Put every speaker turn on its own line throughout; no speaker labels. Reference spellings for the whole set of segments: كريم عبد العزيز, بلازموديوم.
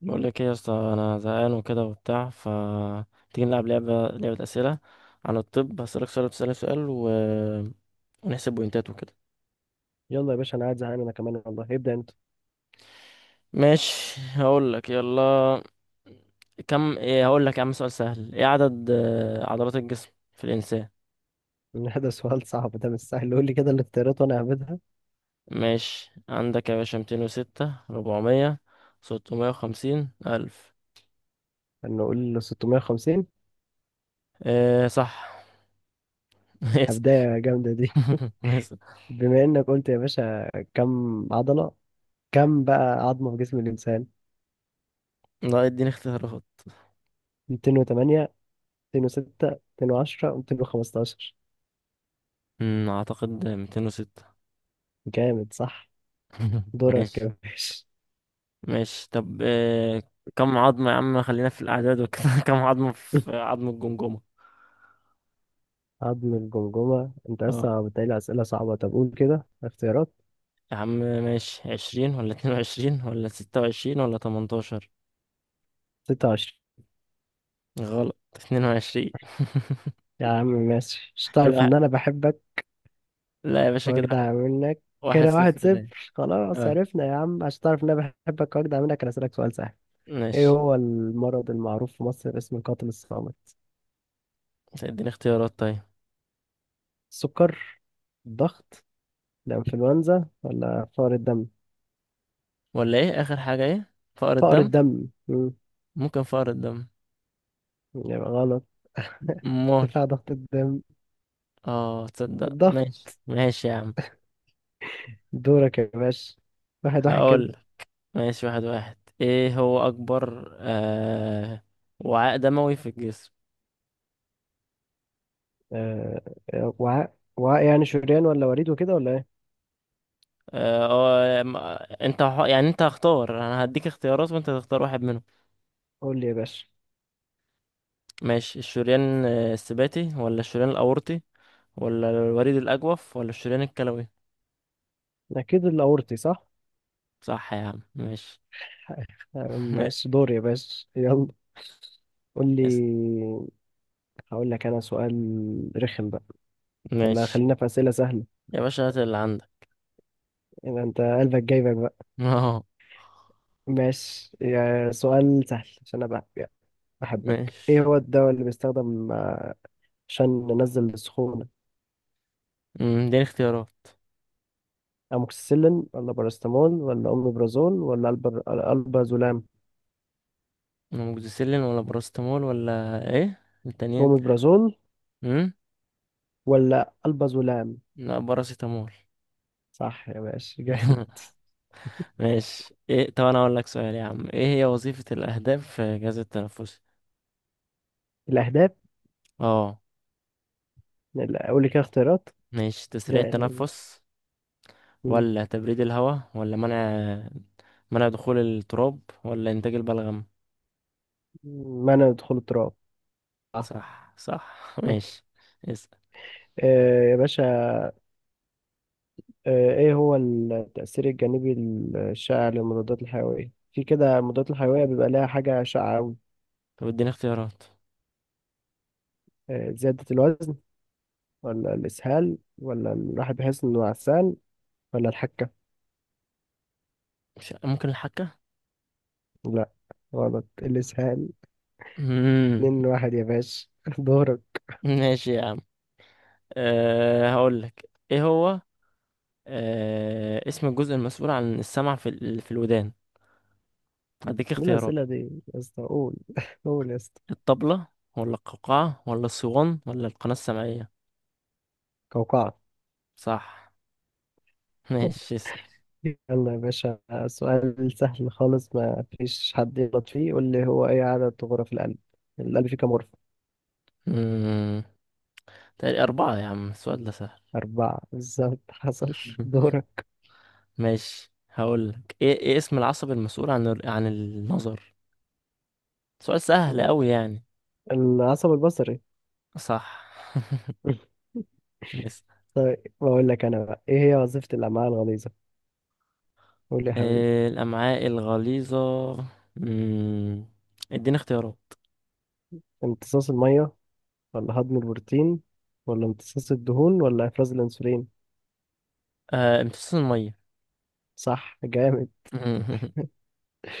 بقول لك ايه يا اسطى، انا زهقان وكده وبتاع ف تيجي نلعب لعبه اسئله عن الطب. هسألك سؤال وتسألني سؤال ونحسب بوينتات وكده.
يلا يا باشا، انا قاعد زهقان، انا كمان والله. ابدا انت
ماشي، هقول لك، يلا. كم؟ ايه؟ هقول لك يا عم، سؤال سهل: ايه عدد عضلات الجسم في الانسان؟
إن ده سؤال صعب، ده مش سهل. قول لي كده الاختيارات وانا هبدها.
ماشي، عندك يا باشا 206، 400 650 1000
انه قول 650.
ايه صح. اسأل.
هبدايه جامده دي
اسأل.
بما انك قلت يا باشا كم عضله، كم بقى عظمه في جسم الانسان؟
لا، اديني اختيارات.
208، 206، 210، 215.
اعتقد 206.
جامد صح. دورك
ماشي
يا باشا
ماشي. طب كم عظمة يا عم، خلينا في الأعداد وكده. كم عظمة في عظم الجمجمة؟
عظم الجمجمه؟ انت
اه،
لسه بتقلي اسئله صعبه. طب قول كده اختيارات.
يا عم ماشي: 20 ولا 22 ولا 26 ولا 18؟
26.
غلط، 22.
يا عم ماشي، مش
كده
تعرف ان انا بحبك
لا يا باشا، كده واحد.
واجدع منك؟
واحد
كده واحد
صفر ليه.
صفر. خلاص
اه،
عرفنا يا عم، عشان تعرف ان انا بحبك واجدع منك، انا اسالك سؤال سهل. ايه
ماشي،
هو المرض المعروف في مصر باسم القاتل الصامت؟
اديني اختيارات طيب.
السكر، الضغط، الانفلونزا، ولا فقر الدم؟
ولا ايه آخر حاجة؟ ايه، فقر
فقر
الدم؟
الدم.
ممكن فقر الدم.
يبقى غلط.
مول.
ارتفاع ضغط الدم،
اه تصدق،
الضغط.
ماشي ماشي يا عم.
دورك يا باشا. واحد واحد كده.
هقول. ماشي، 1-1. ايه هو اكبر وعاء دموي في الجسم؟
آه وعاء يعني شريان ولا وريد وكده ولا ايه؟
اه، انت يعني انت هختار، انا هديك اختيارات وانت تختار واحد منهم.
قول لي يا باشا.
ماشي، الشريان السباتي ولا الشريان الاورطي ولا الوريد الاجوف ولا الشريان الكلوي؟
اكيد الاورطي، صح؟
صح يا عم، ماشي. يس
ماشي دور يا باشا يلا. قول
يس.
لي. هقول لك انا سؤال رخم بقى، ولا
ماشي
خلينا في اسئله سهله؟
يا باشا، هات اللي عندك.
يعني انت قلبك جايبك بقى.
اه،
ماشي، يا سؤال سهل عشان انا بح- بحبك. ايه
ماشي.
هو الدواء اللي بيستخدم عشان ننزل السخونه؟
اديني اختيارات:
اموكسيسيلين، ولا باراستامول، ولا اوميبرازول، ولا البازولام؟
اموكسيسيلين ولا باراستامول ولا ايه التانيين؟
اوميبرازول
امم
ولا البازولام.
لا، باراسيتامول.
صح يا باشا، جامد.
ماشي ايه. طب انا اقول لك سؤال يا عم: ايه هي وظيفة الاهداف في الجهاز التنفسي؟
الاهداف.
اه،
لا، قول لي كده اختيارات.
ماشي: تسريع التنفس
لا.
ولا تبريد الهواء ولا منع دخول التراب ولا انتاج البلغم؟
منع دخول التراب. آه.
صح صح. ماشي، اسأل.
يا باشا، ايه هو التأثير الجانبي الشائع للمضادات الحيوية؟ في كده، المضادات الحيوية بيبقى لها حاجة شائعة أوي.
طب اديني اختيارات.
زيادة الوزن، ولا الإسهال، ولا الواحد بيحس إنه عسان، ولا الحكة؟
مش ممكن الحكة.
لا غلط، الإسهال.
مم.
اتنين واحد يا باشا دورك.
ماشي يا عم. هقول لك ايه هو، اسم الجزء المسؤول عن السمع في في الودان؟ هديك
ايه
اختيارات:
الأسئلة دي يا اسطى؟ قول قول يا اسطى.
الطبلة ولا القوقعة ولا الصوان ولا القناة السمعية؟
قوقعة.
صح. ماشي، اسأل.
يلا يا باشا، سؤال سهل خالص ما فيش حد يغلط فيه. قول لي، هو ايه عدد غرف القلب؟ القلب فيه كام غرفة؟
مم. تقريبا 4 يا عم، السؤال ده سهل.
أربعة بالظبط حصل. دورك.
ماشي. هقولك ايه اسم العصب المسؤول عن عن النظر؟ سؤال سهل أوي يعني.
العصب البصري
صح. اسأل.
طيب بقول لك أنا بقى، ايه هي وظيفة الأمعاء الغليظة؟ قول لي يا حبيبي.
إيه الأمعاء الغليظة. مم. اديني اختيارات.
امتصاص المية، ولا هضم البروتين، ولا امتصاص الدهون، ولا إفراز الأنسولين؟
آه، امتصاص المية.
صح جامد.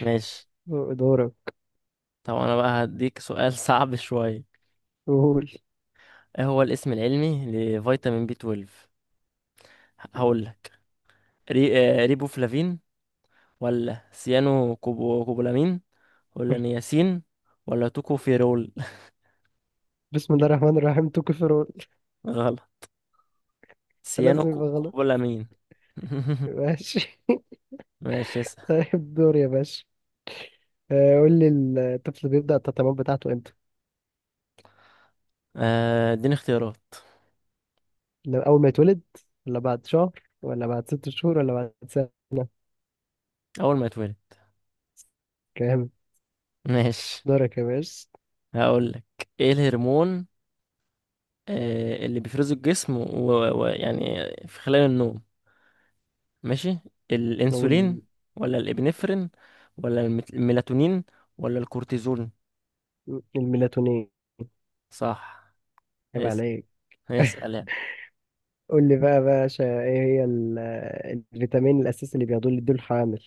ماشي.
دورك.
طب أنا بقى هديك سؤال، صعب شوية.
قول
ايه هو الاسم العلمي لفيتامين بي 12؟ هقول لك ري... ريبوفلافين ولا سيانو كوبولامين ولا نياسين ولا توكوفيرول؟
بسم الله الرحمن الرحيم، تو كفر.
غلط. سيانو
لازم يبقى غلط.
كوبولامين.
ماشي
ماشي، اسأل.
طيب دور يا باشا. قول لي، الطفل بيبدأ التطعيمات بتاعته امتى؟
اديني اختيارات.
أول ما يتولد، ولا بعد شهر، ولا بعد ست شهور، ولا بعد سنة؟
اول ما يتولد.
كام؟
ماشي،
دورك يا باشا.
هقول لك. ايه الهرمون اللي بيفرزه الجسم ويعني يعني في خلال النوم. ماشي: الانسولين
أقول.
ولا الابنفرين ولا الميلاتونين ولا الكورتيزون؟
الميلاتونين.
صح.
عيب
اسأل.
عليك.
اسأل.
قول لي بقى يا باشا، إيه هي الفيتامين الأساسي اللي بياخدوه اللي يدوه الحامل؟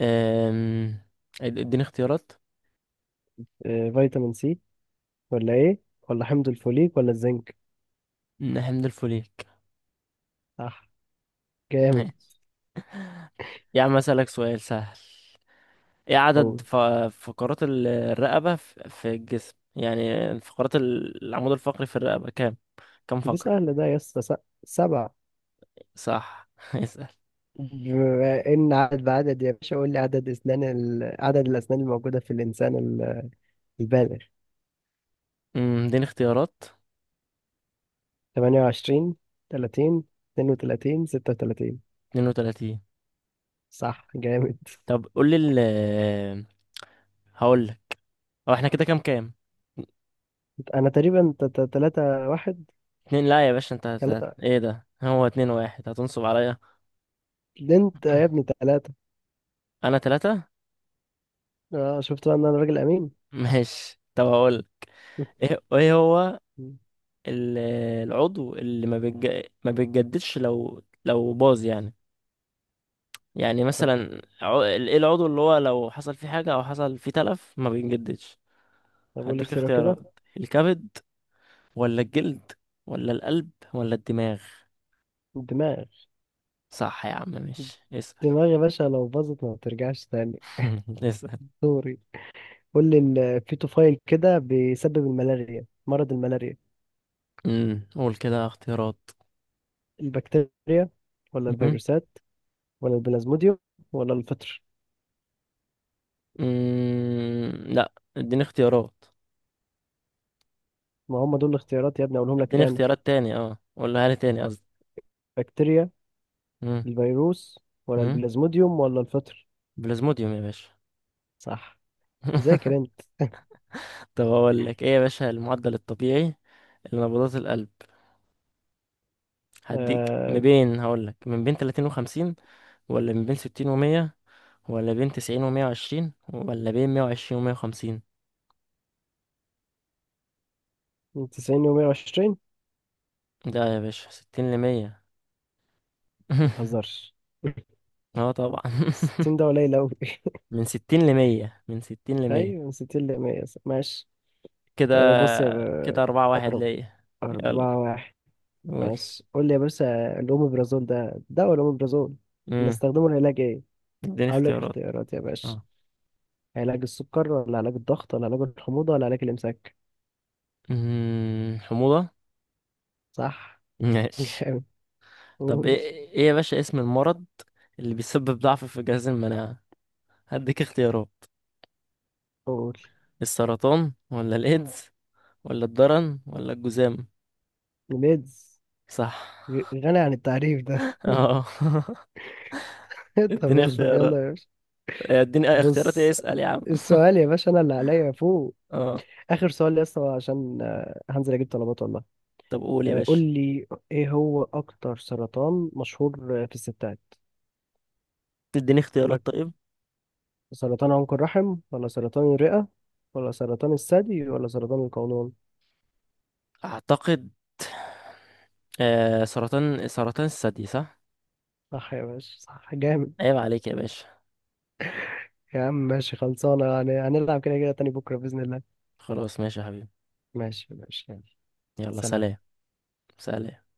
أم، اديني اختيارات.
فيتامين سي، ولا إيه؟ ولا حمض الفوليك، ولا الزنك؟
حمض الفوليك.
صح جامد.
ماشي يا عم، اسألك سؤال سهل: ايه عدد
قول.
فقرات الرقبة في الجسم، يعني فقرات العمود الفقري في الرقبة، كام
دي
فقرة؟
سهلة ده يا اسطى. سبع.
صح. اسأل.
بما ان عدد بعدد يا باشا، قول لي عدد الاسنان الموجوده في الانسان البالغ.
م، اديني اختيارات.
28، 30، 32، 36.
32.
صح جامد.
طب قول لي هقول لك، هو احنا كده كام كام؟
انا تقريبا 3 واحد.
اتنين. لا يا باشا، انت
3.
ايه ده، هو 2-1؟ هتنصب عليا.
انت يا ابني 3.
انا 3.
اه شفت بقى ان انا راجل امين
ماشي، طب هقول ايه هو ال- العضو اللي ما بيتجددش لو باظ يعني؟ يعني
طب
مثلا ايه العضو اللي هو لو حصل فيه حاجة او حصل فيه تلف ما بيتجددش؟
طب قول لي
هديك
اختيارات كده.
اختيارات: الكبد ولا الجلد ولا القلب ولا الدماغ؟
الدماغ.
صح يا عم، ماشي، اسأل.
الدماغ يا باشا لو باظت ما بترجعش تاني.
اسأل.
سوري. قول لي. الفيتوفايل كده بيسبب الملاريا، مرض الملاريا.
قول كده اختيارات.
البكتيريا، ولا
امم
الفيروسات، ولا البلازموديوم، ولا الفطر؟
لا، اديني اختيارات.
ما هم دول الاختيارات يا ابني، اقولهم لك
اديني
تاني.
اختيارات تاني، اه، قولها لي تاني قصدي.
بكتيريا،
امم
الفيروس، ولا
أمم.
البلازموديوم، ولا الفطر؟
بلازموديوم يا باشا.
صح. ذاكر انت.
طب اقول لك ايه يا باشا، المعدل الطبيعي لنبضات القلب هديك
آه...
ما بين. هقول لك: من بين 30 و50 ولا من بين 60 و100 ولا بين 90 و120 ولا بين 120 و150؟
90 و 120.
ده يا باشا 60 ل 100.
ما تهزرش،
اه طبعا.
60 ده قليل أوي
من 60 ل 100، من 60 ل 100.
أيوة من 60 ل 100 ماشي.
كده
آه بص يا
كده 4-1
أرب-
ليا.
أربعة
يلا
واحد.
قول.
ماشي قول لي يا باشا، الأوميبرازول ده، ولا أوميبرازول،
امم
بنستخدمه لعلاج إيه؟
اديني
هقول لك
اختيارات.
اختيارات يا باشا.
اه.
علاج السكر، ولا علاج الضغط، ولا علاج الحموضة، ولا علاج الإمساك؟
حموضة.
صح
ماشي.
جامد.
طب ايه
قول
ايه يا باشا اسم المرض اللي بيسبب ضعف في جهاز المناعة؟ هديك اختيارات:
قول.
السرطان ولا الايدز ولا الضرن ولا الجذام؟
ميدز.
صح.
غني عن التعريف ده
اه.
طب
اديني
يلا
اختيارات.
يلا يا باشا.
اديني اختيارات ايه.
بص،
اسأل يا عم.
السؤال يا باشا انا اللي عليا فوق.
اه.
اخر سؤال يا اسطى، عشان هنزل اجيب طلبات والله.
طب قول يا
قول
باشا،
لي، ايه هو اكتر سرطان مشهور في الستات؟
تديني
يقول
اختيارات
لك،
طيب.
سرطان عنق الرحم، ولا سرطان الرئة، ولا سرطان الثدي، ولا سرطان القولون؟
اعتقد سرطان الثدي، صح.
صح يا باشا، صح جامد.
عيب عليك يا باشا.
يا عم ماشي خلصانة يعني. هنلعب كده كده تاني بكرة بإذن الله.
خلاص ماشي يا حبيبي.
ماشي ماشي يلا.
يلا
سلام.
سلام. سلام.